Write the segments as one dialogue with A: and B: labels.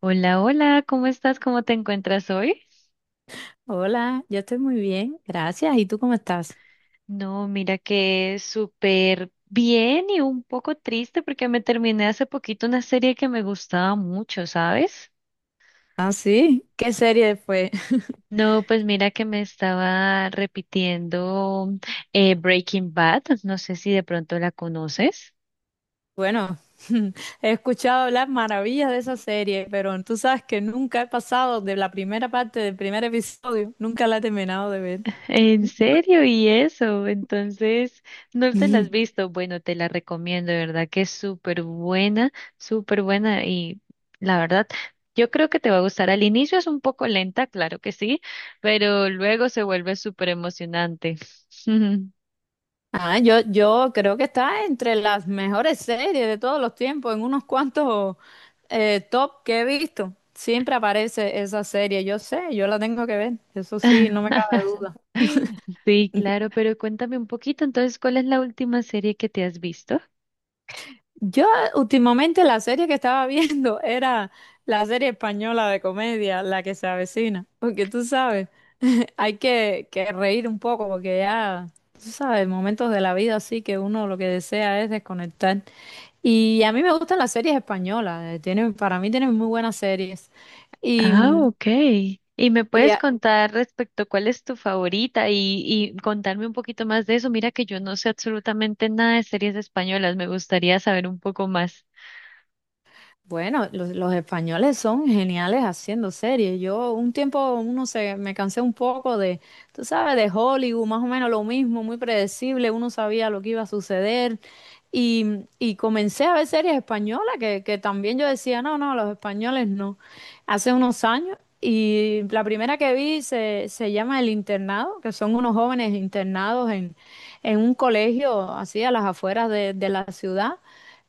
A: Hola, hola, ¿cómo estás? ¿Cómo te encuentras hoy?
B: Hola, yo estoy muy bien, gracias. ¿Y tú cómo estás?
A: No, mira que súper bien y un poco triste porque me terminé hace poquito una serie que me gustaba mucho, ¿sabes?
B: Ah, sí, ¿qué serie fue?
A: No, pues mira que me estaba repitiendo Breaking Bad, no sé si de pronto la conoces.
B: Bueno, he escuchado hablar maravillas de esa serie, pero tú sabes que nunca he pasado de la primera parte del primer episodio, nunca la he terminado de ver.
A: En serio, y eso, entonces no te la has visto. Bueno, te la recomiendo, de verdad que es súper buena, súper buena. Y la verdad, yo creo que te va a gustar. Al inicio es un poco lenta, claro que sí, pero luego se vuelve súper emocionante.
B: Ah, yo creo que está entre las mejores series de todos los tiempos, en unos cuantos top que he visto. Siempre aparece esa serie, yo sé, yo la tengo que ver, eso sí, no me cabe duda.
A: Sí, claro, pero cuéntame un poquito. Entonces, ¿cuál es la última serie que te has visto?
B: Yo últimamente la serie que estaba viendo era la serie española de comedia, La que se avecina, porque tú sabes, hay que reír un poco, porque ya, tú sabes, momentos de la vida así que uno lo que desea es desconectar. Y a mí me gustan las series españolas, tienen, para mí tienen muy buenas series. Y,
A: Ah, ok. ¿Y me
B: y,
A: puedes contar respecto cuál es tu favorita y, contarme un poquito más de eso? Mira que yo no sé absolutamente nada de series españolas, me gustaría saber un poco más.
B: Bueno, los españoles son geniales haciendo series. Yo un tiempo, uno se, me cansé un poco de, tú sabes, de Hollywood, más o menos lo mismo, muy predecible, uno sabía lo que iba a suceder. Y, y comencé a ver series españolas que también yo decía, no, no, los españoles no. Hace unos años, y la primera que vi se, se llama El Internado, que son unos jóvenes internados en un colegio así a las afueras de la ciudad.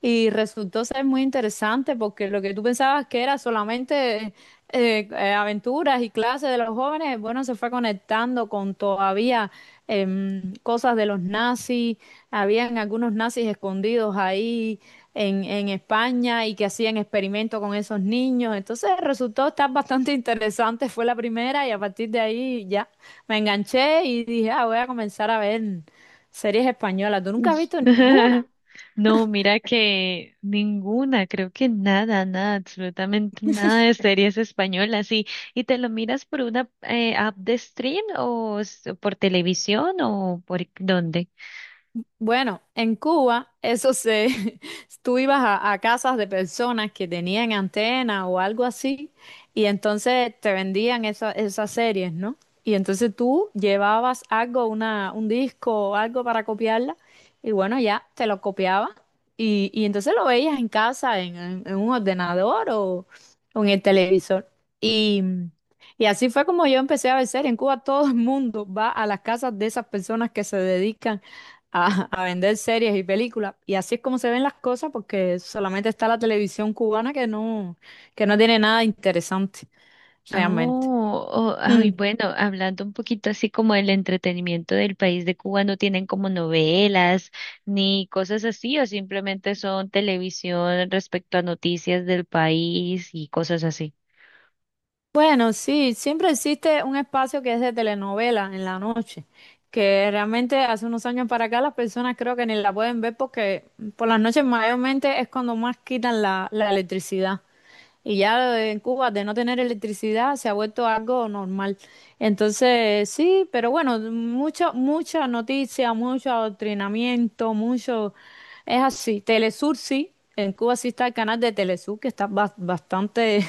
B: Y resultó ser muy interesante porque lo que tú pensabas que era solamente aventuras y clases de los jóvenes, bueno, se fue conectando con todavía cosas de los nazis. Habían algunos nazis escondidos ahí en España y que hacían experimentos con esos niños. Entonces resultó estar bastante interesante. Fue la primera y a partir de ahí ya me enganché y dije, ah, voy a comenzar a ver series españolas. ¿Tú nunca has visto ninguna?
A: No, mira que ninguna, creo que nada, nada, absolutamente nada de series españolas. Y te lo miras por una app de stream por televisión o por dónde?
B: Bueno, en Cuba, eso se, tú ibas a casas de personas que tenían antena o algo así, y entonces te vendían esa- esas series, ¿no? Y entonces tú llevabas algo, una, un disco o algo para copiarla, y bueno, ya te lo copiaba, y entonces lo veías en casa, en un ordenador o en el televisor. Y, y así fue como yo empecé a ver series. En Cuba todo el mundo va a las casas de esas personas que se dedican a vender series y películas. Y así es como se ven las cosas porque solamente está la televisión cubana que no tiene nada interesante realmente.
A: Oh, oh,
B: Mm.
A: ay, bueno, hablando un poquito así como del entretenimiento del país de Cuba, ¿no tienen como novelas ni cosas así o simplemente son televisión respecto a noticias del país y cosas así?
B: Bueno, sí, siempre existe un espacio que es de telenovela en la noche, que realmente hace unos años para acá las personas creo que ni la pueden ver porque por las noches mayormente es cuando más quitan la electricidad. Y ya en Cuba, de no tener electricidad, se ha vuelto algo normal. Entonces, sí, pero bueno, mucha noticia, mucho adoctrinamiento, mucho. Es así, Telesur sí, en Cuba sí está el canal de Telesur, que está bas- bastante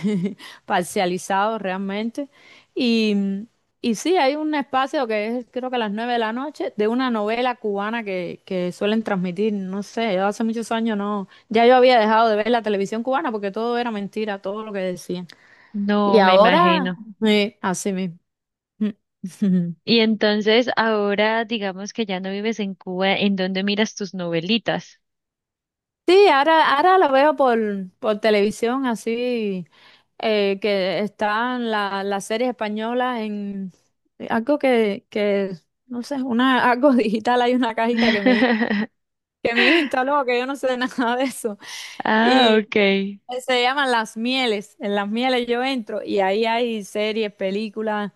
B: parcializado realmente. Y, y sí, hay un espacio que es creo que a las nueve de la noche, de una novela cubana que suelen transmitir, no sé, yo hace muchos años no, ya yo había dejado de ver la televisión cubana porque todo era mentira, todo lo que decían. Y
A: No, me
B: ahora,
A: imagino.
B: sí, así mismo.
A: Y entonces ahora digamos que ya no vives en Cuba, ¿en dónde miras tus novelitas?
B: Sí, ahora lo veo por televisión, así que están las series españolas en algo no sé, una, algo digital, hay una cajita que mi hijo instaló, que yo no sé de nada de eso.
A: Ah,
B: Y
A: ok.
B: se llaman Las Mieles, en Las Mieles yo entro y ahí hay series, películas,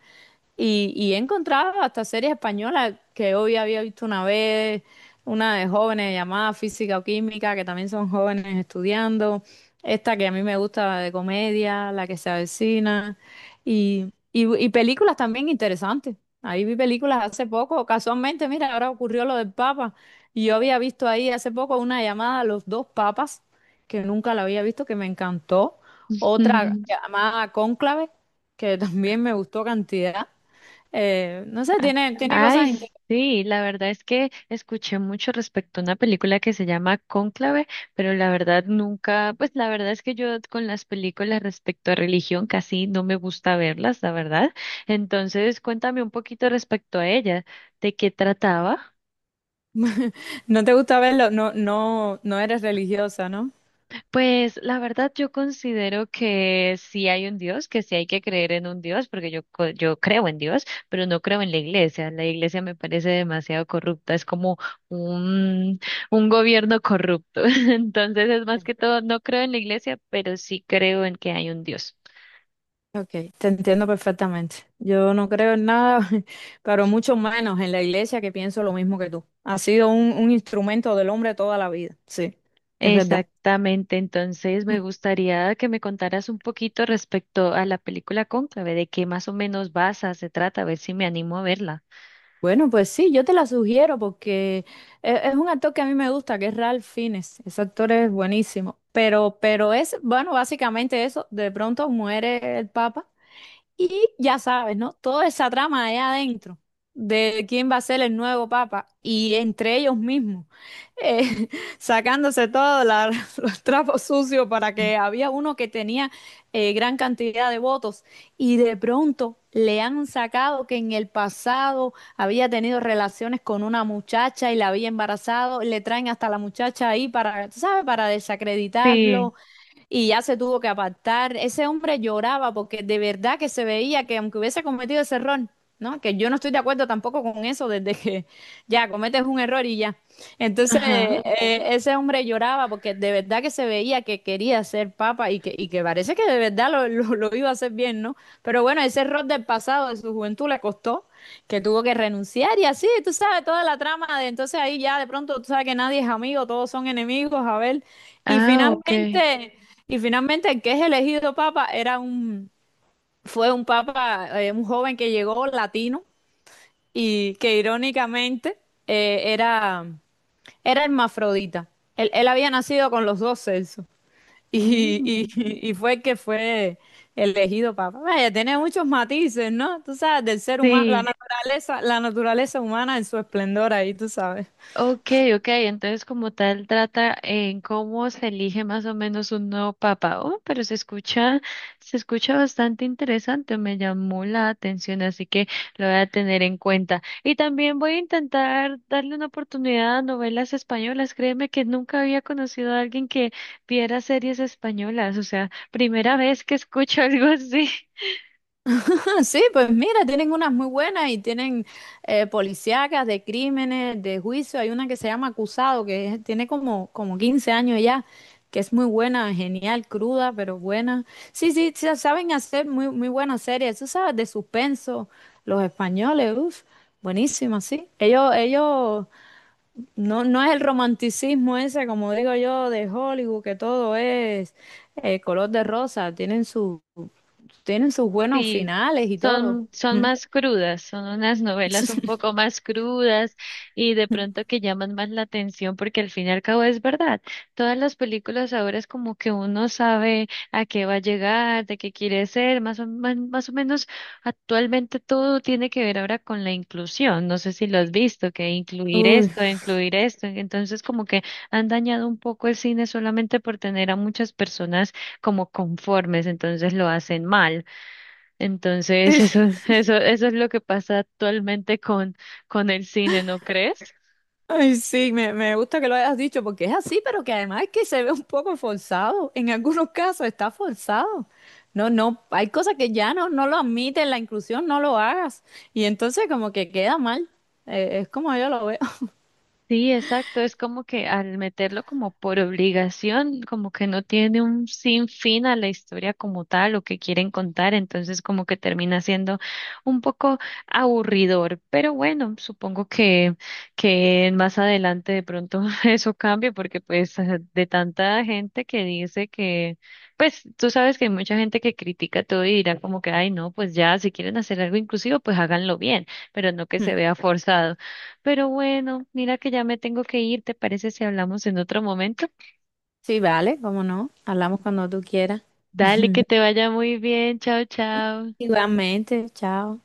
B: y he encontrado hasta series españolas que hoy había visto una vez, una de jóvenes llamada Física o Química, que también son jóvenes estudiando, esta que a mí me gusta de comedia, La que se avecina, y películas también interesantes. Ahí vi películas hace poco, casualmente, mira, ahora ocurrió lo del Papa, y yo había visto ahí hace poco una llamada a los dos papas, que nunca la había visto, que me encantó, otra llamada Cónclave, que también me gustó cantidad. No sé,
A: Ah,
B: tiene, tiene cosas
A: ay,
B: interesantes.
A: sí, la verdad es que escuché mucho respecto a una película que se llama Cónclave, pero la verdad nunca, pues la verdad es que yo con las películas respecto a religión casi no me gusta verlas, la verdad. Entonces, cuéntame un poquito respecto a ella, ¿de qué trataba?
B: No te gusta verlo, no, no, no eres religiosa, ¿no?
A: Pues la verdad yo considero que sí hay un Dios, que sí hay que creer en un Dios, porque yo creo en Dios, pero no creo en la iglesia. La iglesia me parece demasiado corrupta, es como un, un gobierno corrupto. Entonces es más que todo, no creo en la iglesia, pero sí creo en que hay un Dios.
B: Ok, te entiendo perfectamente. Yo no creo en nada, pero mucho menos en la iglesia que pienso lo mismo que tú. Ha sido un instrumento del hombre toda la vida, sí, es verdad.
A: Exactamente, entonces
B: Mm.
A: me gustaría que me contaras un poquito respecto a la película Cónclave, de qué más o menos basa, se trata, a ver si me animo a verla.
B: Bueno, pues sí, yo te la sugiero porque es un actor que a mí me gusta, que es Ralph Fiennes. Ese actor es buenísimo. Pero es, bueno, básicamente eso, de pronto muere el Papa. Y ya sabes, ¿no? Toda esa trama allá adentro de quién va a ser el nuevo papa y entre ellos mismos, eh, sacándose todos la- los trapos sucios para que había uno que tenía gran cantidad de votos y de pronto le han sacado que en el pasado había tenido relaciones con una muchacha y la había embarazado, le traen hasta la muchacha ahí para, ¿tú ¿sabes? Para
A: Sí,
B: desacreditarlo, y ya se tuvo que apartar. Ese hombre lloraba porque de verdad que se veía que aunque hubiese cometido ese error, ¿no? Que yo no estoy de acuerdo tampoco con eso desde que ya cometes un error y ya. Entonces,
A: ajá.
B: ese hombre lloraba porque de verdad que se veía que quería ser papa y y que parece que de verdad lo iba a hacer bien, ¿no? Pero bueno, ese error del pasado, de su juventud, le costó que tuvo que renunciar y así, tú sabes, toda la trama de entonces ahí ya de pronto tú sabes que nadie es amigo, todos son enemigos, a ver, y
A: Ah, ok.
B: finalmente, y finalmente el que es elegido papa era un, fue un papa, un joven que llegó latino y que irónicamente eh, era, era hermafrodita. Él había nacido con los dos sexos. Y,
A: Mm,
B: y, y fue que fue elegido papa. Vaya, tiene muchos matices, ¿no? Tú sabes, del ser humano,
A: sí,
B: la naturaleza humana en su esplendor ahí, tú sabes.
A: ok, ok. Entonces, como tal, trata en cómo se elige más o menos un nuevo papa. Oh, pero se escucha bastante interesante, me llamó la atención, así que lo voy a tener en cuenta. Y también voy a intentar darle una oportunidad a novelas españolas. Créeme que nunca había conocido a alguien que viera series españolas, o sea, primera vez que escucho algo así.
B: Ah, sí, pues mira, tienen unas muy buenas y tienen policíacas de crímenes, de juicio. Hay una que se llama Acusado, que es- tiene como 15 años ya, que es muy buena, genial, cruda, pero buena. Sí, sí, sa- saben hacer muy buenas series. Tú sabes, de suspenso, los españoles, uff, buenísima, sí. Ellos, no, no es el romanticismo ese, como digo yo, de Hollywood, que todo es color de rosa. Tienen su... Tienen sus buenos
A: Sí,
B: finales y todo.
A: son, son
B: Mm.
A: más crudas, son unas novelas un poco más crudas y de pronto que llaman más la atención porque al fin y al cabo es verdad. Todas las películas ahora es como que uno sabe a qué va a llegar, de qué quiere ser, más o, más, más o menos actualmente todo tiene que ver ahora con la inclusión. No sé si lo has visto, que incluir
B: Uy,
A: esto, incluir esto. Entonces como que han dañado un poco el cine solamente por tener a muchas personas como conformes, entonces lo hacen mal. Entonces,
B: sí,
A: eso, eso es lo que pasa actualmente con el cine, ¿no crees?
B: ay, sí, me gusta que lo hayas dicho porque es así, pero que además es que se ve un poco forzado. En algunos casos está forzado. No, no, hay cosas que ya no, no lo admiten, la inclusión no lo hagas. Y entonces como que queda mal. Es como yo lo veo.
A: Sí, exacto. Es como que al meterlo como por obligación, como que no tiene un sinfín a la historia como tal o que quieren contar, entonces como que termina siendo un poco aburridor. Pero bueno, supongo que más adelante de pronto eso cambie porque pues de tanta gente que dice que, pues tú sabes que hay mucha gente que critica todo y dirá como que, ay, no, pues ya, si quieren hacer algo inclusivo, pues háganlo bien, pero no que se vea forzado. Pero bueno, mira que ya me tengo que ir, ¿te parece si hablamos en otro momento?
B: Sí, vale, cómo no. Hablamos cuando tú quieras.
A: Dale, que te vaya muy bien, chao, chao.
B: Igualmente, chao.